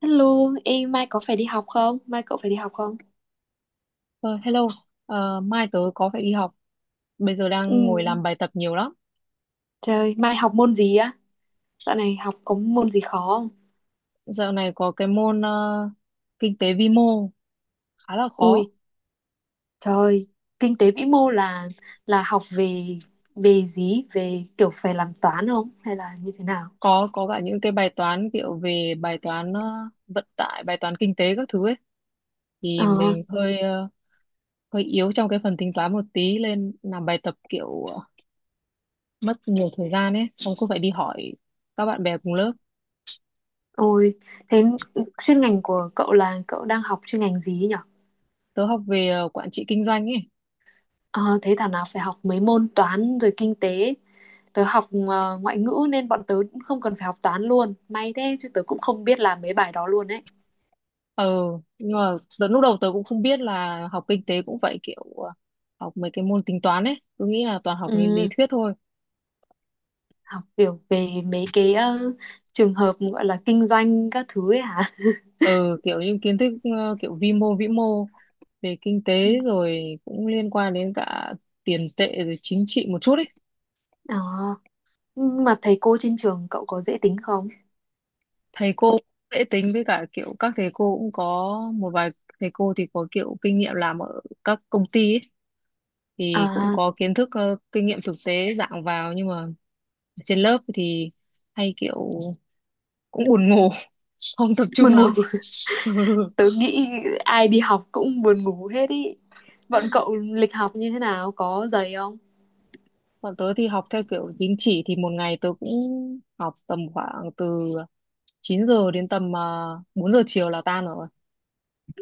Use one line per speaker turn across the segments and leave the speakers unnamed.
Hello, em mai có phải đi học không? Mai cậu phải đi học không?
Ờ, Hello. Mai tớ có phải đi học. Bây giờ
Ừ.
đang ngồi làm bài tập nhiều lắm.
Trời, mai học môn gì á? Dạo này học có môn gì khó không?
Dạo này có cái môn kinh tế vi mô khá là khó.
Ui, trời, kinh tế vĩ mô là học về về gì? Về kiểu phải làm toán không? Hay là như thế nào?
Có cả những cái bài toán kiểu về bài toán vận tải, bài toán kinh tế các thứ ấy. Thì
Ờ,
mình hơi yếu trong cái phần tính toán một tí nên làm bài tập kiểu mất nhiều thời gian ấy. Xong cứ phải đi hỏi các bạn bè cùng lớp.
ôi, thế chuyên ngành của cậu là cậu đang học chuyên ngành gì ấy nhở?
Tớ học về quản trị kinh doanh ấy.
Ờ, thế thảo nào phải học mấy môn toán rồi kinh tế. Tớ học ngoại ngữ nên bọn tớ cũng không cần phải học toán luôn. May thế chứ tớ cũng không biết làm mấy bài đó luôn ấy.
Ừ, nhưng mà lúc đầu tớ cũng không biết là học kinh tế cũng vậy kiểu học mấy cái môn tính toán ấy cứ nghĩ là toàn học lý lý
Ừ,
thuyết thôi.
học kiểu về mấy cái trường hợp gọi là kinh doanh các thứ ấy hả?
Ừ, kiểu như kiến thức kiểu vi mô vĩ mô về kinh
Ừ.
tế rồi cũng liên quan đến cả tiền tệ rồi chính trị một chút ấy.
Ờ, nhưng mà thầy cô trên trường cậu có dễ tính không?
Thầy cô cũng dễ tính, với cả kiểu các thầy cô cũng có một vài thầy cô thì có kiểu kinh nghiệm làm ở các công ty ấy thì cũng
À,
có kiến thức kinh nghiệm thực tế dạng vào, nhưng mà trên lớp thì hay kiểu cũng buồn ngủ, không tập trung
buồn ngủ.
lắm. Ừ.
Tớ nghĩ ai đi học cũng buồn ngủ hết ý. Bọn cậu lịch học như thế nào? Có dày không?
Còn tớ thì học theo kiểu tín chỉ, thì một ngày tớ cũng học tầm khoảng từ 9 giờ đến tầm 4 giờ chiều là tan rồi.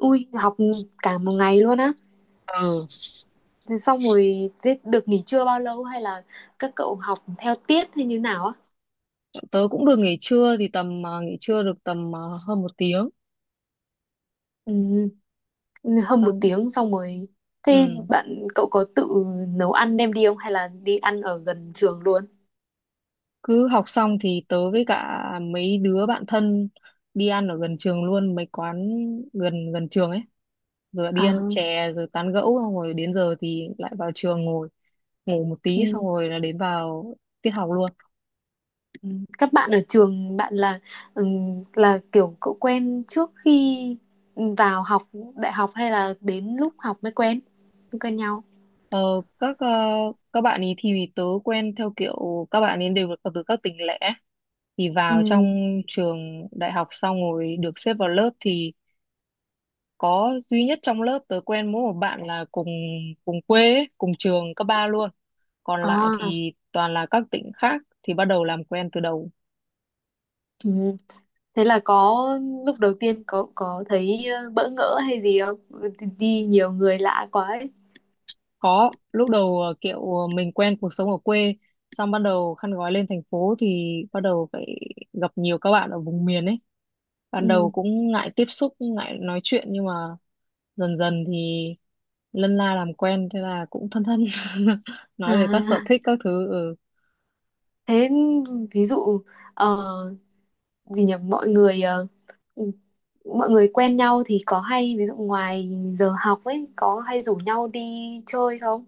Ui, học cả một ngày luôn á.
Ừ,
Thế xong rồi thế được nghỉ trưa bao lâu hay là các cậu học theo tiết hay như nào á?
tớ cũng được nghỉ trưa thì tầm nghỉ trưa được tầm hơn một tiếng
Ừ. Hơn một
xong.
tiếng xong rồi thế
Ừ,
bạn cậu có tự nấu ăn đem đi không hay là đi ăn ở gần trường luôn.
cứ học xong thì tớ với cả mấy đứa bạn thân đi ăn ở gần trường luôn, mấy quán gần gần trường ấy, rồi lại đi ăn
Ờ,
chè rồi tán gẫu, xong rồi đến giờ thì lại vào trường ngồi ngủ một tí
ừ,
xong rồi là đến vào tiết học luôn.
ừ, các bạn ở trường bạn là, ừ, là kiểu cậu quen trước khi vào học đại học hay là đến lúc học mới quen nhau.
Ờ, các ờ, các bạn ấy thì tớ quen theo kiểu các bạn ấy đều là từ các tỉnh lẻ thì vào trong
Ừ.
trường đại học, xong rồi được xếp vào lớp thì có duy nhất trong lớp tớ quen mỗi một bạn là cùng cùng quê ấy, cùng trường cấp ba luôn, còn lại
À,
thì toàn là các tỉnh khác thì bắt đầu làm quen từ đầu.
ừ. Thế là có lúc đầu tiên có thấy bỡ ngỡ hay gì không, đi đi nhiều người lạ quá ấy.
Có, lúc đầu kiểu mình quen cuộc sống ở quê, xong bắt đầu khăn gói lên thành phố thì bắt đầu phải gặp nhiều các bạn ở vùng miền ấy, ban
Ừ.
đầu cũng ngại tiếp xúc, ngại nói chuyện, nhưng mà dần dần thì lân la làm quen, thế là cũng thân thân. Nói về các sở
À,
thích các thứ. Ừ.
thế ví dụ ờ, gì nhỉ, mọi người quen nhau thì có hay ví dụ ngoài giờ học ấy có hay rủ nhau đi chơi không?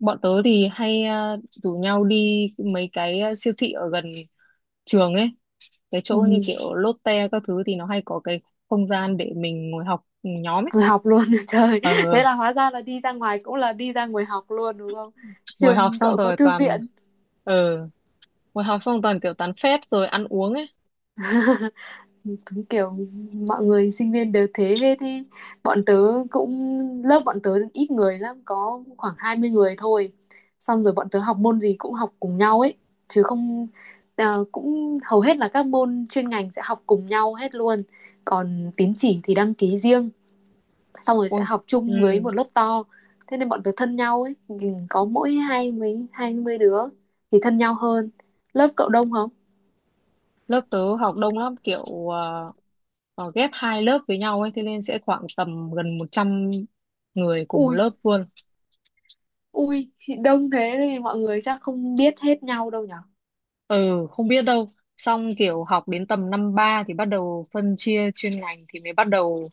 Bọn tớ thì hay rủ nhau đi mấy cái siêu thị ở gần trường ấy, cái chỗ như
Ừ,
kiểu Lotte các thứ thì nó hay có cái không gian để mình ngồi học nhóm ấy.
vừa học luôn. Trời,
ờ
thế là hóa ra là đi ra ngoài cũng là đi ra ngoài học luôn đúng không?
ngồi học
Trường
xong
cậu có
rồi
thư
toàn
viện?
ờ Ngồi học xong toàn kiểu tán phét rồi ăn uống ấy.
Đúng kiểu mọi người sinh viên đều thế hết ý. Bọn tớ cũng, lớp bọn tớ ít người lắm, có khoảng 20 người thôi, xong rồi bọn tớ học môn gì cũng học cùng nhau ấy, chứ không, à, cũng hầu hết là các môn chuyên ngành sẽ học cùng nhau hết luôn, còn tín chỉ thì đăng ký riêng, xong rồi sẽ
Ôi.
học
Ừ.
chung với một lớp to. Thế nên bọn tớ thân nhau ấy, có mỗi 20 đứa thì thân nhau hơn. Lớp cậu đông không?
Lớp tớ học đông lắm, kiểu ghép hai lớp với nhau ấy, thế nên sẽ khoảng tầm gần 100 người cùng một
Ui.
lớp luôn.
Ui, thì đông thế thì mọi người chắc không biết hết nhau đâu nhở?
Ừ, không biết đâu, xong kiểu học đến tầm năm ba thì bắt đầu phân chia chuyên ngành thì mới bắt đầu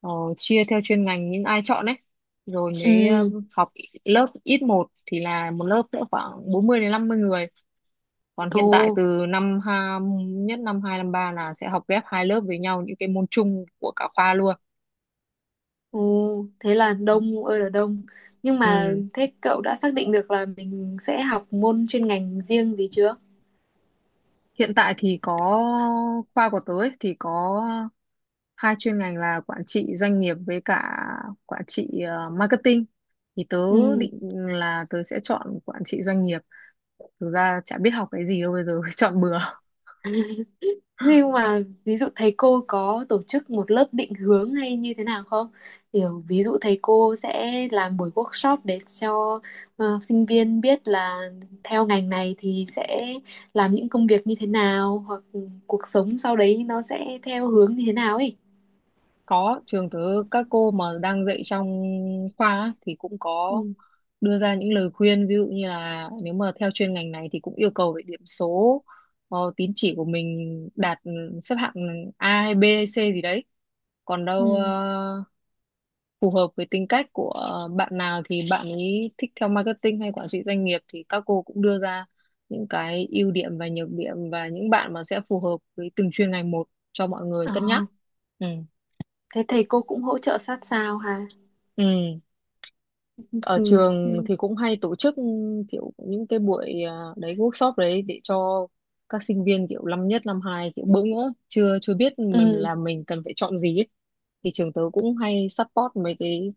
ờ, chia theo chuyên ngành những ai chọn ấy, rồi mới
Ừ,
học lớp ít một thì là một lớp sẽ khoảng 40 đến 50 người, còn hiện tại
ồ,
từ nhất năm hai năm ba là sẽ học ghép hai lớp với nhau những cái môn chung của cả khoa luôn.
ồ, thế là đông ơi là đông. Nhưng mà
Ừ.
thế cậu đã xác định được là mình sẽ học môn chuyên ngành riêng gì chưa?
Hiện tại thì có, khoa của tớ ấy, thì có hai chuyên ngành là quản trị doanh nghiệp với cả quản trị marketing. Thì tớ
Ừ.
định là tớ sẽ chọn quản trị doanh nghiệp. Thực ra chả biết học cái gì đâu bây giờ, chọn bừa.
Nhưng mà ví dụ thầy cô có tổ chức một lớp định hướng hay như thế nào không? Kiểu ví dụ thầy cô sẽ làm buổi workshop để cho sinh viên biết là theo ngành này thì sẽ làm những công việc như thế nào, hoặc cuộc sống sau đấy nó sẽ theo hướng như thế nào ấy.
Có, trường tớ các cô mà đang dạy trong khoa á, thì cũng có
Ừ.
đưa ra những lời khuyên, ví dụ như là nếu mà theo chuyên ngành này thì cũng yêu cầu về điểm số, tín chỉ của mình đạt, xếp hạng A hay B hay C gì đấy, còn đâu
Ừ.
phù hợp với tính cách của bạn nào thì bạn ấy thích theo marketing hay quản trị doanh nghiệp, thì các cô cũng đưa ra những cái ưu điểm và nhược điểm và những bạn mà sẽ phù hợp với từng chuyên ngành một cho mọi người
Ờ,
cân nhắc. Ừ.
thế thầy cô cũng hỗ trợ sát sao hả?
Ừ, ở
Ừ.
trường
Ừ.
thì cũng hay tổ chức kiểu những cái buổi đấy, workshop đấy, để cho các sinh viên kiểu năm nhất năm hai kiểu bỡ ngỡ chưa chưa biết mình
Ừ.
là mình cần phải chọn gì ấy. Thì trường tớ cũng hay support mấy cái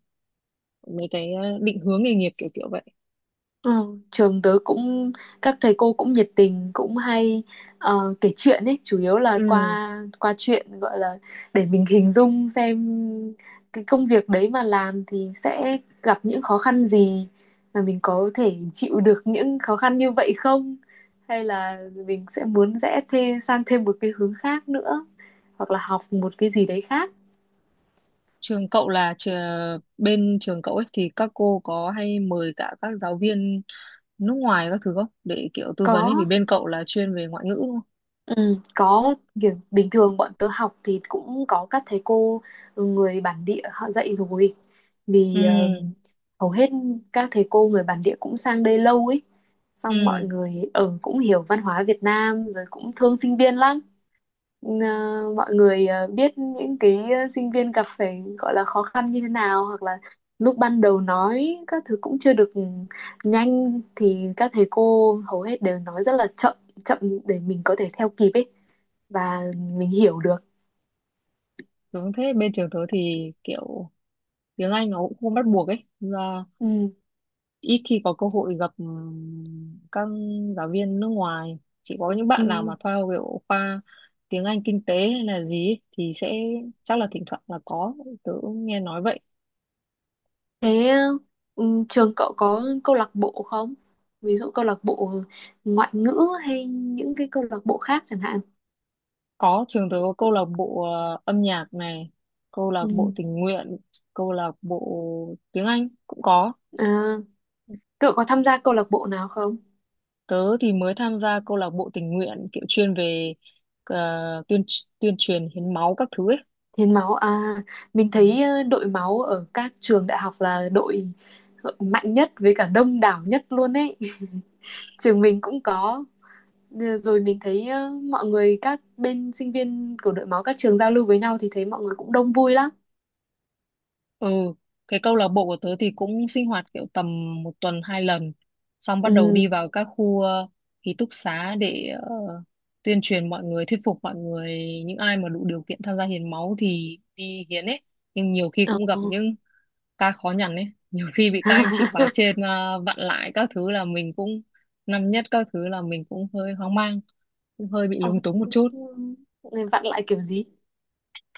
mấy cái à, định hướng nghề nghiệp kiểu kiểu vậy.
Ừ, trường tớ cũng, các thầy cô cũng nhiệt tình, cũng hay kể chuyện ấy, chủ yếu là
Ừ.
qua qua chuyện gọi là để mình hình dung xem cái công việc đấy mà làm thì sẽ gặp những khó khăn gì, và mình có thể chịu được những khó khăn như vậy không, hay là mình sẽ muốn rẽ thêm sang thêm một cái hướng khác nữa, hoặc là học một cái gì đấy khác.
Trường cậu là bên trường cậu ấy thì các cô có hay mời cả các giáo viên nước ngoài các thứ không, để kiểu tư
Có.
vấn ấy, vì bên cậu là chuyên về ngoại ngữ đúng không?
Ừ, có, kiểu bình thường bọn tớ học thì cũng có các thầy cô, ừ, người bản địa họ dạy rồi,
Ừ.
vì hầu hết các thầy cô người bản địa cũng sang đây lâu ấy, xong mọi
Ừ.
người ở cũng hiểu văn hóa Việt Nam rồi cũng thương sinh viên lắm. Ờ, mọi người biết những cái sinh viên gặp phải gọi là khó khăn như thế nào, hoặc là lúc ban đầu nói các thứ cũng chưa được nhanh thì các thầy cô hầu hết đều nói rất là chậm chậm để mình có thể theo kịp ấy, và mình hiểu được.
Đúng thế, bên trường tớ thì kiểu tiếng Anh nó cũng không bắt buộc ấy, và
Ừ,
ít khi có cơ hội gặp các giáo viên nước ngoài, chỉ có những bạn nào mà
ừ.
theo kiểu khoa tiếng Anh kinh tế hay là gì ấy, thì sẽ chắc là thỉnh thoảng là có, tớ cũng nghe nói vậy.
Thế, ừ, trường cậu có câu lạc bộ không? Ví dụ câu lạc bộ ngoại ngữ hay những cái câu lạc bộ khác chẳng hạn.
Có, trường tớ có câu lạc bộ âm nhạc này, câu lạc
Ừ.
bộ tình nguyện, câu lạc bộ tiếng Anh cũng có.
À, cậu có tham gia câu lạc bộ nào không?
Tớ thì mới tham gia câu lạc bộ tình nguyện kiểu chuyên về tuyên tuyên truyền hiến máu các thứ ấy.
Hiến máu à, mình
Ừ.
thấy đội máu ở các trường đại học là đội mạnh nhất với cả đông đảo nhất luôn ấy. Trường mình cũng có. Ờ, rồi mình thấy mọi người các bên sinh viên của đội máu các trường giao lưu với nhau thì thấy mọi người cũng đông vui lắm.
Ừ, cái câu lạc bộ của tớ thì cũng sinh hoạt kiểu tầm một tuần hai lần, xong bắt đầu đi
Ừ.
vào các khu ký túc xá để tuyên truyền mọi người, thuyết phục mọi người, những ai mà đủ điều kiện tham gia hiến máu thì đi hiến ấy. Nhưng nhiều khi cũng gặp
Ồ.
những ca khó nhằn ấy, nhiều khi bị các anh chị khóa trên vặn lại các thứ, là mình cũng năm nhất các thứ là mình cũng hơi hoang mang, cũng hơi bị
Ồ,
lúng túng một
thế
chút.
thì, người vặn lại kiểu gì?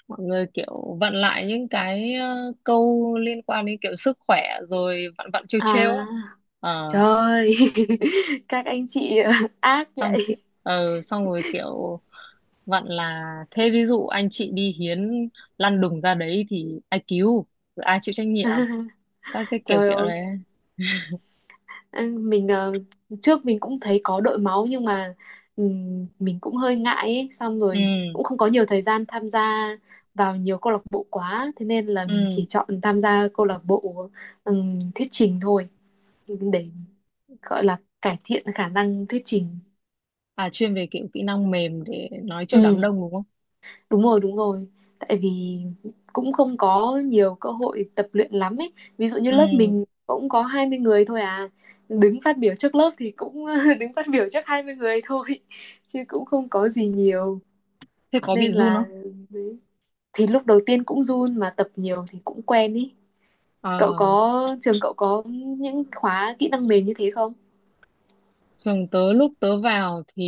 Mọi người kiểu vặn lại những cái câu liên quan đến kiểu sức khỏe, rồi vặn vặn trêu
À,
trêu á. ờ
trời ơi. Các anh chị ác
xong ki-
vậy.
ờ Xong rồi kiểu vặn là thế ví dụ anh chị đi hiến lăn đùng ra đấy thì ai cứu, rồi ai chịu trách nhiệm, các cái kiểu
Trời
kiểu
ơi,
đấy.
anh- mình, trước mình cũng thấy có đội máu nhưng mà, mình cũng hơi ngại ấy, xong rồi
Ừ.
cũng không có nhiều thời gian tham gia vào nhiều câu lạc bộ quá, thế nên là mình chỉ
Ừ.
chọn tham gia câu lạc bộ thuyết trình thôi, để gọi là cải thiện khả năng thuyết trình.
À, chuyên về kiểu kỹ năng mềm để nói trước đám đông đúng không.
Đúng rồi, đúng rồi. Tại vì cũng không có nhiều cơ hội tập luyện lắm ấy. Ví dụ như lớp
Ừ,
mình cũng có 20 người thôi à. Đứng phát biểu trước lớp thì cũng đứng phát biểu trước 20 người thôi. Chứ cũng không có gì nhiều.
thế có
Nên
bị run
là
không.
đấy. Thì lúc đầu tiên cũng run mà tập nhiều thì cũng quen ý.
ờ
Cậu có, trường cậu có những khóa kỹ năng mềm như thế không?
Trường tớ lúc tớ vào thì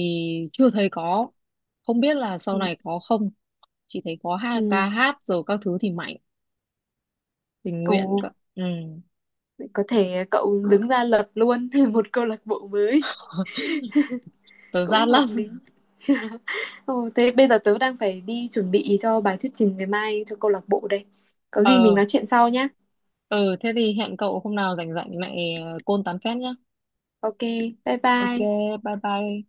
chưa thấy có, không biết là sau
Ừ.
này có không, chỉ thấy có ca
Ừ.
hát rồi các thứ thì mạnh tình
Ồ,
nguyện cơ. Ừ.
có thể cậu đứng ra lập luôn một câu lạc bộ mới.
Tớ
Cũng
rát
hợp
lắm.
lý. Ừ, thế bây giờ tớ đang phải đi chuẩn bị cho bài thuyết trình ngày mai cho câu lạc bộ đây. Có gì mình
ờ
nói chuyện sau nhé.
ừ, thế thì hẹn cậu hôm nào rảnh rảnh lại côn tán phét nhá.
Ok, bye
Ok,
bye.
bye bye.